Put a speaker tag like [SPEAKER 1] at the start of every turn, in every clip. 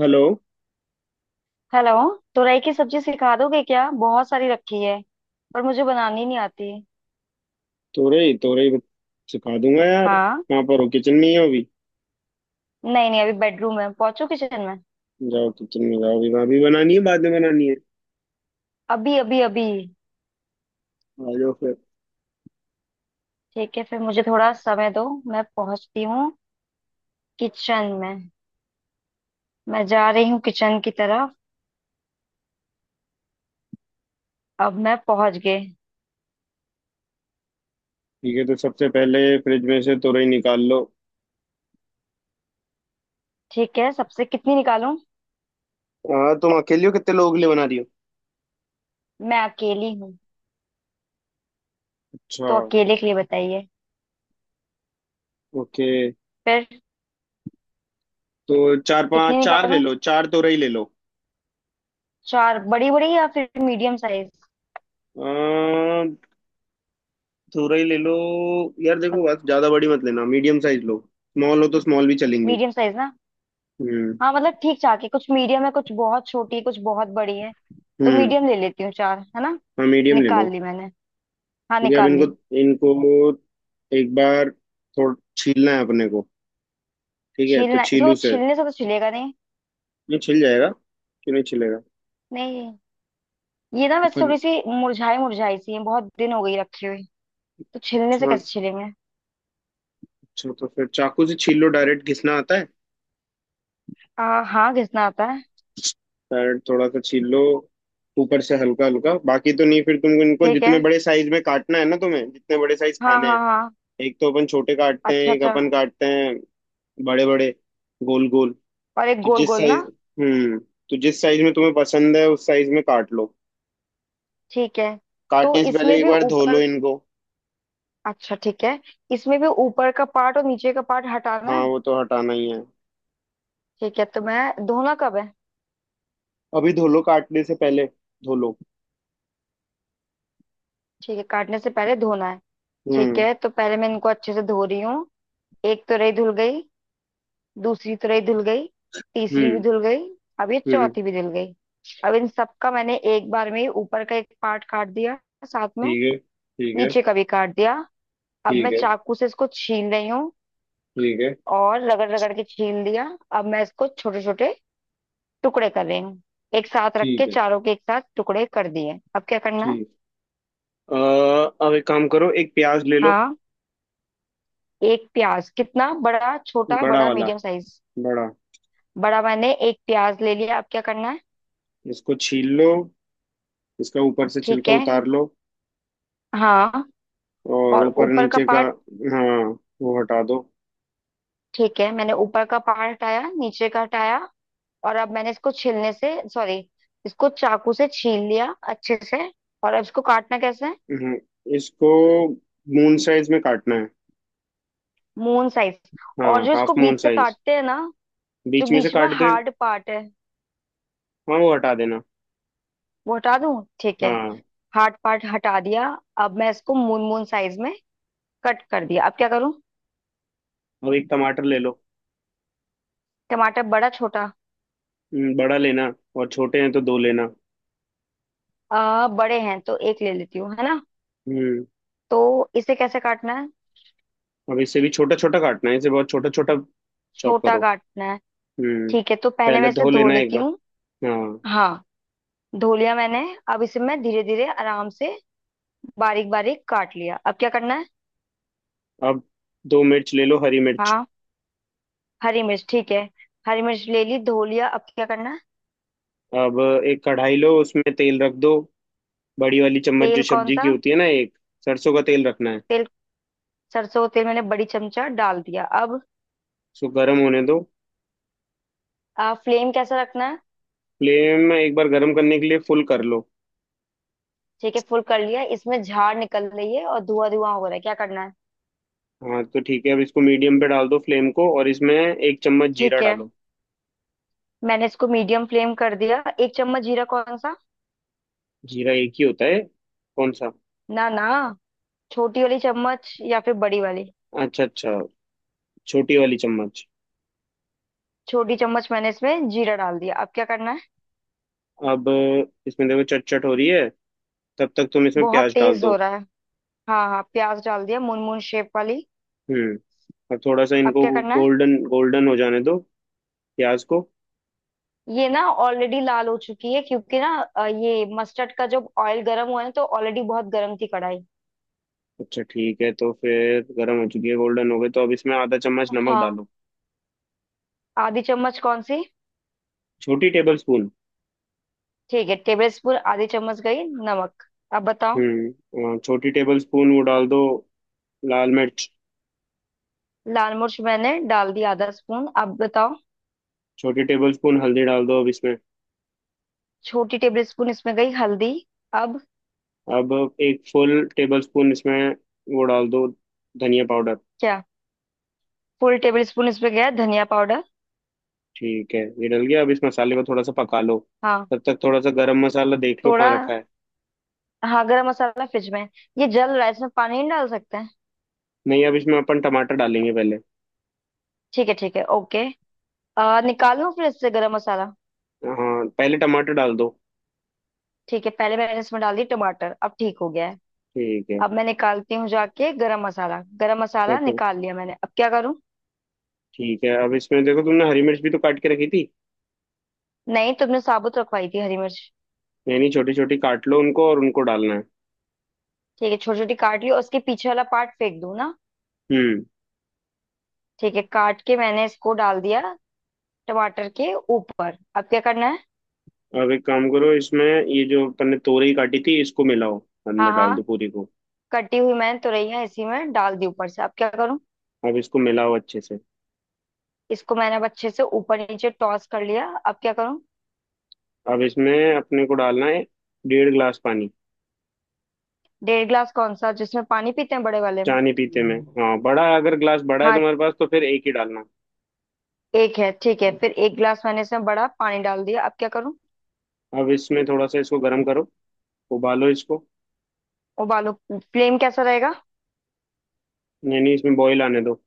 [SPEAKER 1] Hello.
[SPEAKER 2] Hello. तुरई की सब्जी सिखा दोगे क्या? बहुत सारी रखी है पर मुझे बनानी नहीं आती।
[SPEAKER 1] तोरई तोरई बत- सिखा दूंगा यार।
[SPEAKER 2] हाँ।
[SPEAKER 1] कहाँ पर हो? किचन में ही हो अभी?
[SPEAKER 2] नहीं नहीं, अभी बेडरूम में, पहुंचू किचन में।
[SPEAKER 1] जाओ किचन में जाओ। अभी भाभी बनानी है बाद में बनानी है?
[SPEAKER 2] अभी अभी अभी।
[SPEAKER 1] आ जाओ फिर।
[SPEAKER 2] ठीक है, फिर मुझे थोड़ा समय दो। मैं पहुंचती हूँ किचन में। मैं जा रही हूँ किचन की तरफ। अब मैं पहुंच गई।
[SPEAKER 1] ठीक है, तो सबसे पहले फ्रिज में से तोरई निकाल लो।
[SPEAKER 2] ठीक है, सबसे कितनी निकालूं?
[SPEAKER 1] हाँ तुम अकेले हो? कितने लोगों के लिए बना रही हो?
[SPEAKER 2] मैं अकेली हूँ,
[SPEAKER 1] अच्छा।
[SPEAKER 2] तो अकेले के लिए बताइए।
[SPEAKER 1] ओके।
[SPEAKER 2] फिर
[SPEAKER 1] तो चार पांच
[SPEAKER 2] कितनी
[SPEAKER 1] चार ले
[SPEAKER 2] निकालूं?
[SPEAKER 1] लो, चार तोरई ले लो।
[SPEAKER 2] चार बड़ी बड़ी या फिर मीडियम साइज?
[SPEAKER 1] आ, तोरई ले लो। यार देखो, बस ज्यादा बड़ी मत लेना, मीडियम साइज लो। स्मॉल हो तो स्मॉल भी चलेंगी।
[SPEAKER 2] मीडियम साइज ना?
[SPEAKER 1] हम्म।
[SPEAKER 2] हाँ, मतलब ठीक ठाक है, कुछ मीडियम है, कुछ बहुत छोटी है, कुछ बहुत बड़ी है। तो
[SPEAKER 1] हम्म।
[SPEAKER 2] मीडियम ले लेती हूँ, चार है ना।
[SPEAKER 1] हाँ मीडियम ले लो।
[SPEAKER 2] निकाल ली मैंने। हाँ
[SPEAKER 1] ठीक है अब
[SPEAKER 2] निकाल
[SPEAKER 1] इनको
[SPEAKER 2] ली।
[SPEAKER 1] इनको एक बार थोड़ा छीलना है अपने को। ठीक है, तो
[SPEAKER 2] छीलना? इसको
[SPEAKER 1] छीलू से।
[SPEAKER 2] छीलने से तो छिलेगा नहीं।
[SPEAKER 1] नहीं छिल जाएगा। क्यों नहीं छिलेगा?
[SPEAKER 2] नहीं, ये ना वैसे
[SPEAKER 1] अपन।
[SPEAKER 2] थोड़ी सी मुरझाई मुरझाई सी है, बहुत दिन हो गई रखी हुई। तो छिलने से
[SPEAKER 1] अच्छा।
[SPEAKER 2] कैसे छिलेंगे?
[SPEAKER 1] अच्छा, तो फिर चाकू से छील लो, डायरेक्ट घिसना आता है।
[SPEAKER 2] आ हाँ, घिसना आता है।
[SPEAKER 1] डायरेक्ट थोड़ा सा छील लो ऊपर से हल्का हल्का। बाकी तो नहीं, फिर तुमको इनको
[SPEAKER 2] ठीक है।
[SPEAKER 1] जितने बड़े साइज में काटना है ना, तुम्हें जितने बड़े साइज
[SPEAKER 2] हाँ
[SPEAKER 1] खाने हैं।
[SPEAKER 2] हाँ हाँ।
[SPEAKER 1] एक तो अपन छोटे काटते हैं,
[SPEAKER 2] अच्छा
[SPEAKER 1] एक
[SPEAKER 2] अच्छा।
[SPEAKER 1] अपन काटते हैं बड़े बड़े, गोल गोल।
[SPEAKER 2] और एक
[SPEAKER 1] तो
[SPEAKER 2] गोल
[SPEAKER 1] जिस
[SPEAKER 2] गोल ना।
[SPEAKER 1] साइज हम्म तो जिस साइज में तुम्हें पसंद है उस साइज में काट लो।
[SPEAKER 2] ठीक है, तो
[SPEAKER 1] काटने से पहले
[SPEAKER 2] इसमें
[SPEAKER 1] एक
[SPEAKER 2] भी
[SPEAKER 1] बार धो लो
[SPEAKER 2] ऊपर।
[SPEAKER 1] इनको।
[SPEAKER 2] अच्छा, ठीक है। इसमें भी ऊपर का पार्ट और नीचे का पार्ट हटाना
[SPEAKER 1] हाँ,
[SPEAKER 2] है।
[SPEAKER 1] वो तो हटाना ही है।
[SPEAKER 2] ठीक है, तो मैं धोना कब है?
[SPEAKER 1] अभी धो लो, काटने से पहले धो लो।
[SPEAKER 2] ठीक है, काटने से पहले धोना है। ठीक
[SPEAKER 1] हम्म।
[SPEAKER 2] है, तो पहले मैं इनको अच्छे से धो रही हूँ। एक तुरई धुल गई। दूसरी तुरई धुल गई। तीसरी भी
[SPEAKER 1] हम्म।
[SPEAKER 2] धुल गई। अब ये
[SPEAKER 1] हम्म।
[SPEAKER 2] चौथी भी धुल गई। अब इन सबका मैंने एक बार में ही ऊपर का एक पार्ट काट दिया, साथ में
[SPEAKER 1] ठीक है। ठीक है।
[SPEAKER 2] नीचे का भी काट दिया। अब मैं
[SPEAKER 1] ठीक है।
[SPEAKER 2] चाकू से इसको छील रही हूँ,
[SPEAKER 1] ठीक है।
[SPEAKER 2] और रगड़ रगड़ के छील दिया। अब मैं इसको छोटे छोटे टुकड़े कर रही हूँ। एक साथ रख
[SPEAKER 1] ठीक
[SPEAKER 2] के
[SPEAKER 1] है।
[SPEAKER 2] चारों के एक साथ टुकड़े कर दिए। अब क्या करना है?
[SPEAKER 1] ठीक। अ, अब एक काम करो, एक प्याज ले लो।
[SPEAKER 2] हाँ। एक प्याज कितना बड़ा, छोटा,
[SPEAKER 1] बड़ा
[SPEAKER 2] बड़ा,
[SPEAKER 1] वाला,
[SPEAKER 2] मीडियम साइज?
[SPEAKER 1] बड़ा।
[SPEAKER 2] बड़ा। मैंने एक प्याज ले लिया, अब क्या करना है?
[SPEAKER 1] इसको छील लो, इसका ऊपर से
[SPEAKER 2] ठीक
[SPEAKER 1] छिलका
[SPEAKER 2] है।
[SPEAKER 1] उतार लो।
[SPEAKER 2] हाँ,
[SPEAKER 1] और
[SPEAKER 2] और
[SPEAKER 1] ऊपर
[SPEAKER 2] ऊपर का
[SPEAKER 1] नीचे का,
[SPEAKER 2] पार्ट।
[SPEAKER 1] हाँ वो हटा दो।
[SPEAKER 2] ठीक है, मैंने ऊपर का पार्ट हटाया, नीचे का हटाया। और अब मैंने इसको छीलने से, सॉरी, इसको चाकू से छील लिया अच्छे से। और अब इसको काटना कैसे है?
[SPEAKER 1] हम्म, इसको मून साइज में काटना है।
[SPEAKER 2] Moon size.
[SPEAKER 1] हाँ,
[SPEAKER 2] और जो
[SPEAKER 1] हाफ
[SPEAKER 2] इसको
[SPEAKER 1] मून
[SPEAKER 2] बीच से
[SPEAKER 1] साइज।
[SPEAKER 2] काटते हैं ना, जो
[SPEAKER 1] बीच में से
[SPEAKER 2] बीच में
[SPEAKER 1] काट दो।
[SPEAKER 2] हार्ड पार्ट है,
[SPEAKER 1] हाँ, वो हटा देना।
[SPEAKER 2] वो हटा दूं? ठीक है।
[SPEAKER 1] हाँ।
[SPEAKER 2] हार्ड पार्ट हटा दिया। अब मैं इसको मून मून साइज में कट कर दिया, अब क्या करूं?
[SPEAKER 1] अब एक टमाटर ले लो।
[SPEAKER 2] टमाटर बड़ा छोटा?
[SPEAKER 1] बड़ा लेना और छोटे हैं तो दो लेना।
[SPEAKER 2] बड़े हैं तो एक ले लेती हूँ, है ना।
[SPEAKER 1] हम्म।
[SPEAKER 2] तो इसे कैसे काटना है?
[SPEAKER 1] अब इसे भी छोटा छोटा काटना है, इसे बहुत छोटा छोटा चॉप
[SPEAKER 2] छोटा
[SPEAKER 1] करो।
[SPEAKER 2] काटना है।
[SPEAKER 1] हम्म।
[SPEAKER 2] ठीक है, तो पहले मैं
[SPEAKER 1] पहले
[SPEAKER 2] इसे
[SPEAKER 1] धो
[SPEAKER 2] धो
[SPEAKER 1] लेना एक
[SPEAKER 2] लेती
[SPEAKER 1] बार।
[SPEAKER 2] हूँ।
[SPEAKER 1] हाँ।
[SPEAKER 2] हाँ, धो लिया मैंने। अब इसे मैं धीरे धीरे आराम से बारीक बारीक काट लिया, अब क्या करना है?
[SPEAKER 1] अब दो मिर्च ले लो, हरी मिर्च।
[SPEAKER 2] हाँ। हरी मिर्च, ठीक है। हरी मिर्च ले ली, धो लिया, अब क्या करना है?
[SPEAKER 1] अब एक कढ़ाई लो, उसमें तेल रख दो। बड़ी वाली चम्मच
[SPEAKER 2] तेल
[SPEAKER 1] जो
[SPEAKER 2] कौन
[SPEAKER 1] सब्जी की
[SPEAKER 2] सा?
[SPEAKER 1] होती है ना, एक। सरसों का तेल रखना है।
[SPEAKER 2] तेल, सरसों का तेल मैंने बड़ी चमचा डाल दिया, अब?
[SPEAKER 1] इसको गर्म होने दो।
[SPEAKER 2] फ्लेम कैसा रखना है?
[SPEAKER 1] फ्लेम एक बार गर्म करने के लिए फुल कर लो।
[SPEAKER 2] ठीक है, फुल कर लिया। इसमें झाड़ निकल रही है और धुआं धुआं हो रहा है, क्या करना है?
[SPEAKER 1] हाँ तो ठीक है, अब इसको मीडियम पे डाल दो फ्लेम को, और इसमें 1 चम्मच जीरा
[SPEAKER 2] ठीक है,
[SPEAKER 1] डालो।
[SPEAKER 2] मैंने इसको मीडियम फ्लेम कर दिया। एक चम्मच जीरा कौन सा?
[SPEAKER 1] जीरा एक ही होता है। कौन सा?
[SPEAKER 2] ना ना, छोटी वाली चम्मच या फिर बड़ी वाली?
[SPEAKER 1] अच्छा अच्छा। छोटी वाली चम्मच।
[SPEAKER 2] छोटी चम्मच मैंने इसमें जीरा डाल दिया, अब क्या करना है?
[SPEAKER 1] अब इसमें देखो, चट चट हो रही है, तब तक तुम इसमें
[SPEAKER 2] बहुत
[SPEAKER 1] प्याज डाल
[SPEAKER 2] तेज
[SPEAKER 1] दो।
[SPEAKER 2] हो रहा है। हाँ हाँ, प्याज डाल दिया, मून मून शेप वाली।
[SPEAKER 1] हम्म। अब थोड़ा सा
[SPEAKER 2] अब
[SPEAKER 1] इनको
[SPEAKER 2] क्या करना है?
[SPEAKER 1] गोल्डन गोल्डन हो जाने दो, प्याज को।
[SPEAKER 2] ये ना ऑलरेडी लाल हो चुकी है, क्योंकि ना, ये मस्टर्ड का जब ऑयल गर्म हुआ है ना, तो ऑलरेडी बहुत गर्म थी कढ़ाई।
[SPEAKER 1] अच्छा ठीक है, तो फिर गर्म हो चुकी है, गोल्डन हो गई, तो अब इसमें आधा चम्मच नमक
[SPEAKER 2] हाँ।
[SPEAKER 1] डालो।
[SPEAKER 2] आधी चम्मच कौन सी?
[SPEAKER 1] छोटी टेबल स्पून।
[SPEAKER 2] ठीक है, टेबल स्पून आधी चम्मच गई नमक। अब बताओ।
[SPEAKER 1] हम्म। छोटी टेबल स्पून वो डाल दो, लाल मिर्च।
[SPEAKER 2] लाल मिर्च मैंने डाल दी, आधा स्पून, अब बताओ।
[SPEAKER 1] छोटी टेबल स्पून हल्दी डाल दो अब इसमें।
[SPEAKER 2] छोटी टेबल स्पून इसमें गई हल्दी। अब
[SPEAKER 1] अब एक फुल टेबल स्पून इसमें वो डाल दो, धनिया पाउडर।
[SPEAKER 2] क्या? फुल टेबल स्पून इसमें गया धनिया पाउडर।
[SPEAKER 1] ठीक है, ये डल गया, अब इस मसाले को थोड़ा सा पका लो।
[SPEAKER 2] हाँ।
[SPEAKER 1] तब तक थोड़ा सा गरम मसाला देख लो कहाँ
[SPEAKER 2] थोड़ा।
[SPEAKER 1] रखा है।
[SPEAKER 2] हाँ, गरम मसाला फ्रिज में है। ये जल रहा है, इसमें पानी नहीं डाल सकते हैं?
[SPEAKER 1] नहीं, अब इसमें अपन टमाटर डालेंगे पहले।
[SPEAKER 2] ठीक है ठीक है, ओके। निकाल लूँ फ्रिज से गरम मसाला?
[SPEAKER 1] हाँ, पहले टमाटर डाल दो।
[SPEAKER 2] ठीक है, पहले मैंने इसमें डाल दी टमाटर, अब ठीक हो गया है।
[SPEAKER 1] ठीक है।
[SPEAKER 2] अब मैं निकालती हूँ जाके गरम मसाला। गरम
[SPEAKER 1] हाँ,
[SPEAKER 2] मसाला निकाल लिया मैंने, अब क्या करूँ?
[SPEAKER 1] ठीक है, अब इसमें देखो, तुमने हरी मिर्च भी तो काट के रखी थी।
[SPEAKER 2] नहीं, तुमने साबुत रखवाई थी हरी मिर्च।
[SPEAKER 1] यानी छोटी छोटी काट लो उनको और उनको डालना है।
[SPEAKER 2] ठीक है, छोटी छोटी काट ली और उसके पीछे वाला पार्ट फेंक दूँ ना?
[SPEAKER 1] हम्म।
[SPEAKER 2] ठीक है, काट के मैंने इसको डाल दिया टमाटर के ऊपर, अब क्या करना है?
[SPEAKER 1] अब एक काम करो, इसमें ये जो अपन ने तोरई काटी थी इसको मिलाओ, अंदर
[SPEAKER 2] हाँ
[SPEAKER 1] डाल दो
[SPEAKER 2] हाँ,
[SPEAKER 1] पूरी को।
[SPEAKER 2] कटी हुई मैंने तुरैया इसी में डाल दी ऊपर से, अब क्या करूँ?
[SPEAKER 1] अब इसको मिलाओ अच्छे से।
[SPEAKER 2] इसको मैंने अब अच्छे से ऊपर नीचे टॉस कर लिया, अब क्या करूं?
[SPEAKER 1] अब इसमें अपने को डालना है डेढ़ ग्लास पानी।
[SPEAKER 2] डेढ़ ग्लास कौन सा, जिसमें पानी पीते हैं बड़े वाले में?
[SPEAKER 1] चाय नहीं पीते में, हाँ बड़ा है, अगर ग्लास बड़ा है
[SPEAKER 2] हाँ,
[SPEAKER 1] तुम्हारे पास तो फिर एक ही डालना।
[SPEAKER 2] एक है, ठीक है, फिर एक ग्लास मैंने इसमें बड़ा पानी डाल दिया, अब क्या करूं?
[SPEAKER 1] अब इसमें थोड़ा सा इसको गर्म करो, उबालो इसको।
[SPEAKER 2] उबालो? फ्लेम कैसा रहेगा?
[SPEAKER 1] नहीं नहीं, इसमें बॉईल आने दो।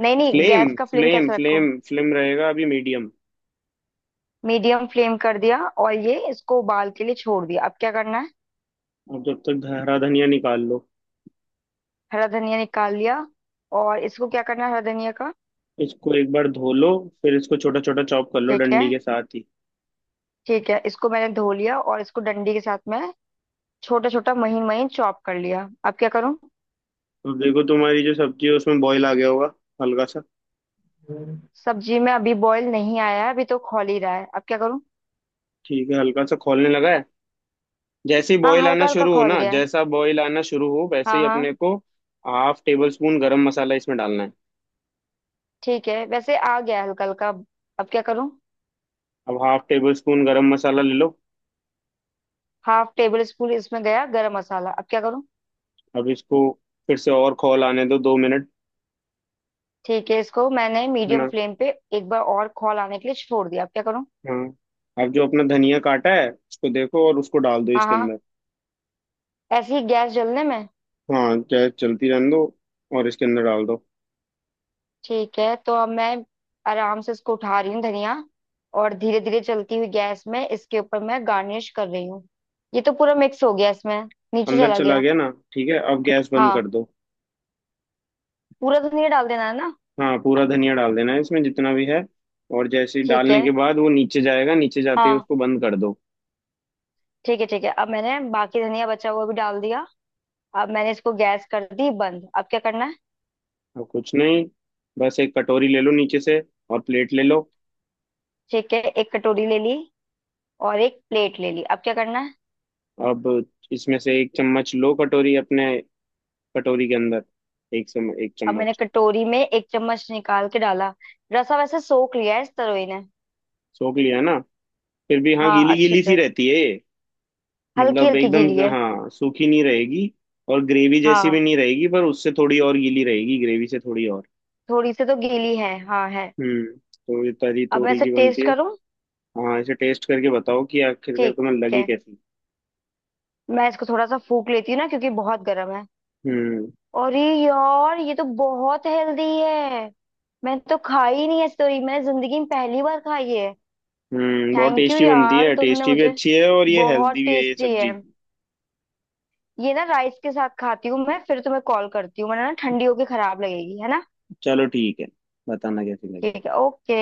[SPEAKER 2] नहीं नहीं,
[SPEAKER 1] फ्लेम
[SPEAKER 2] गैस का फ्लेम
[SPEAKER 1] फ्लेम
[SPEAKER 2] कैसा रखो?
[SPEAKER 1] फ्लेम फ्लेम रहेगा अभी मीडियम।
[SPEAKER 2] मीडियम फ्लेम कर दिया और ये इसको उबाल के लिए छोड़ दिया, अब क्या करना है?
[SPEAKER 1] अब जब तक हरा धनिया निकाल लो।
[SPEAKER 2] हरा धनिया निकाल लिया, और इसको क्या करना है हरा धनिया का?
[SPEAKER 1] इसको एक बार धो लो, फिर इसको छोटा छोटा चॉप कर लो
[SPEAKER 2] ठीक है,
[SPEAKER 1] डंडी के साथ ही।
[SPEAKER 2] ठीक है, इसको मैंने धो लिया और इसको डंडी के साथ में छोटा छोटा महीन महीन चॉप कर लिया, अब क्या करूं?
[SPEAKER 1] अब देखो, तुम्हारी जो सब्जी है उसमें बॉईल आ गया होगा हल्का सा।
[SPEAKER 2] हम्म। सब्जी में अभी बॉईल नहीं आया है, अभी तो खौल ही रहा है, अब क्या करूं?
[SPEAKER 1] ठीक है, हल्का सा खौलने लगा है। जैसे ही
[SPEAKER 2] हाँ,
[SPEAKER 1] बॉईल आना
[SPEAKER 2] हल्का हल्का
[SPEAKER 1] शुरू हो
[SPEAKER 2] खौल
[SPEAKER 1] ना,
[SPEAKER 2] गया है।
[SPEAKER 1] जैसा बॉईल आना शुरू हो वैसे ही
[SPEAKER 2] हाँ हाँ।
[SPEAKER 1] अपने को half tablespoon garam masala इसमें डालना है।
[SPEAKER 2] ठीक है, वैसे आ गया है हल्का हल्का, अब क्या करूं?
[SPEAKER 1] अब half tablespoon garam masala ले लो।
[SPEAKER 2] हाफ टेबल स्पून इसमें गया गरम मसाला, अब क्या करूं?
[SPEAKER 1] अब इसको फिर से और खौल आने दो 2 मिनट,
[SPEAKER 2] ठीक है, इसको मैंने
[SPEAKER 1] है
[SPEAKER 2] मीडियम
[SPEAKER 1] ना।
[SPEAKER 2] फ्लेम पे एक बार और खौल आने के लिए छोड़ दिया, अब क्या करूं?
[SPEAKER 1] हाँ। अब जो अपना धनिया काटा है उसको देखो और उसको डाल दो
[SPEAKER 2] हाँ
[SPEAKER 1] इसके
[SPEAKER 2] हाँ,
[SPEAKER 1] अंदर।
[SPEAKER 2] ऐसे ही गैस जलने में?
[SPEAKER 1] हाँ, गैस चलती रहने दो और इसके अंदर डाल दो।
[SPEAKER 2] ठीक है, तो अब मैं आराम से इसको उठा रही हूँ धनिया, और धीरे धीरे चलती हुई गैस में इसके ऊपर मैं गार्निश कर रही हूँ। ये तो पूरा मिक्स हो गया इसमें, नीचे
[SPEAKER 1] अंदर
[SPEAKER 2] चला
[SPEAKER 1] चला
[SPEAKER 2] गया।
[SPEAKER 1] गया ना, ठीक है, अब गैस बंद
[SPEAKER 2] हाँ,
[SPEAKER 1] कर दो।
[SPEAKER 2] पूरा धनिया डाल देना है ना?
[SPEAKER 1] हाँ, पूरा धनिया डाल देना है इसमें जितना भी है। और जैसे ही
[SPEAKER 2] ठीक
[SPEAKER 1] डालने
[SPEAKER 2] है।
[SPEAKER 1] के बाद वो नीचे जाएगा, नीचे जाते ही
[SPEAKER 2] हाँ।
[SPEAKER 1] उसको बंद कर दो।
[SPEAKER 2] ठीक है ठीक है, अब मैंने बाकी धनिया बचा हुआ भी डाल दिया। अब मैंने इसको गैस कर दी बंद, अब क्या करना है?
[SPEAKER 1] अब कुछ नहीं, बस एक कटोरी ले लो नीचे से और प्लेट ले लो।
[SPEAKER 2] ठीक है, एक कटोरी ले ली और एक प्लेट ले ली, अब क्या करना है?
[SPEAKER 1] अब इसमें से एक चम्मच लो कटोरी अपने, कटोरी के अंदर एक
[SPEAKER 2] अब मैंने
[SPEAKER 1] चम्मच।
[SPEAKER 2] कटोरी में एक चम्मच निकाल के डाला। रसा वैसे सोख लिया है इस तरोई ने।
[SPEAKER 1] सोख लिया ना? फिर भी हाँ,
[SPEAKER 2] हाँ,
[SPEAKER 1] गीली
[SPEAKER 2] अच्छे
[SPEAKER 1] गीली सी
[SPEAKER 2] से
[SPEAKER 1] रहती है ये,
[SPEAKER 2] हल्की
[SPEAKER 1] मतलब
[SPEAKER 2] हल्की
[SPEAKER 1] एकदम।
[SPEAKER 2] गीली है।
[SPEAKER 1] हाँ, सूखी नहीं रहेगी और ग्रेवी जैसी
[SPEAKER 2] हाँ,
[SPEAKER 1] भी नहीं रहेगी, पर उससे थोड़ी और गीली रहेगी, ग्रेवी से थोड़ी और।
[SPEAKER 2] थोड़ी सी तो गीली है हाँ, है।
[SPEAKER 1] हम्म, तो ये तरी
[SPEAKER 2] अब मैं
[SPEAKER 1] तोरी
[SPEAKER 2] इसे
[SPEAKER 1] की बनती
[SPEAKER 2] टेस्ट
[SPEAKER 1] है।
[SPEAKER 2] करूँ?
[SPEAKER 1] हाँ, इसे टेस्ट करके बताओ कि आखिरकार
[SPEAKER 2] ठीक
[SPEAKER 1] तुम्हें लगी
[SPEAKER 2] है।
[SPEAKER 1] कैसी।
[SPEAKER 2] मैं इसको थोड़ा सा फूक लेती हूँ ना, क्योंकि बहुत गर्म है।
[SPEAKER 1] हम्म।
[SPEAKER 2] अरे यार, ये तो बहुत हेल्दी है। मैं तो खाई ही नहीं है, सॉरी, मैंने जिंदगी में पहली बार खाई है।
[SPEAKER 1] हम्म। बहुत
[SPEAKER 2] थैंक यू
[SPEAKER 1] टेस्टी बनती
[SPEAKER 2] यार,
[SPEAKER 1] है,
[SPEAKER 2] तुमने
[SPEAKER 1] टेस्टी भी
[SPEAKER 2] मुझे,
[SPEAKER 1] अच्छी है और ये हेल्दी
[SPEAKER 2] बहुत
[SPEAKER 1] भी है ये
[SPEAKER 2] टेस्टी है।
[SPEAKER 1] सब्जी।
[SPEAKER 2] ये ना राइस के साथ खाती हूँ मैं, फिर तुम्हें कॉल करती हूँ, वरना ना ठंडी होके खराब लगेगी, है ना।
[SPEAKER 1] चलो ठीक है। बताना कैसी लगी।
[SPEAKER 2] ठीक है, ओके।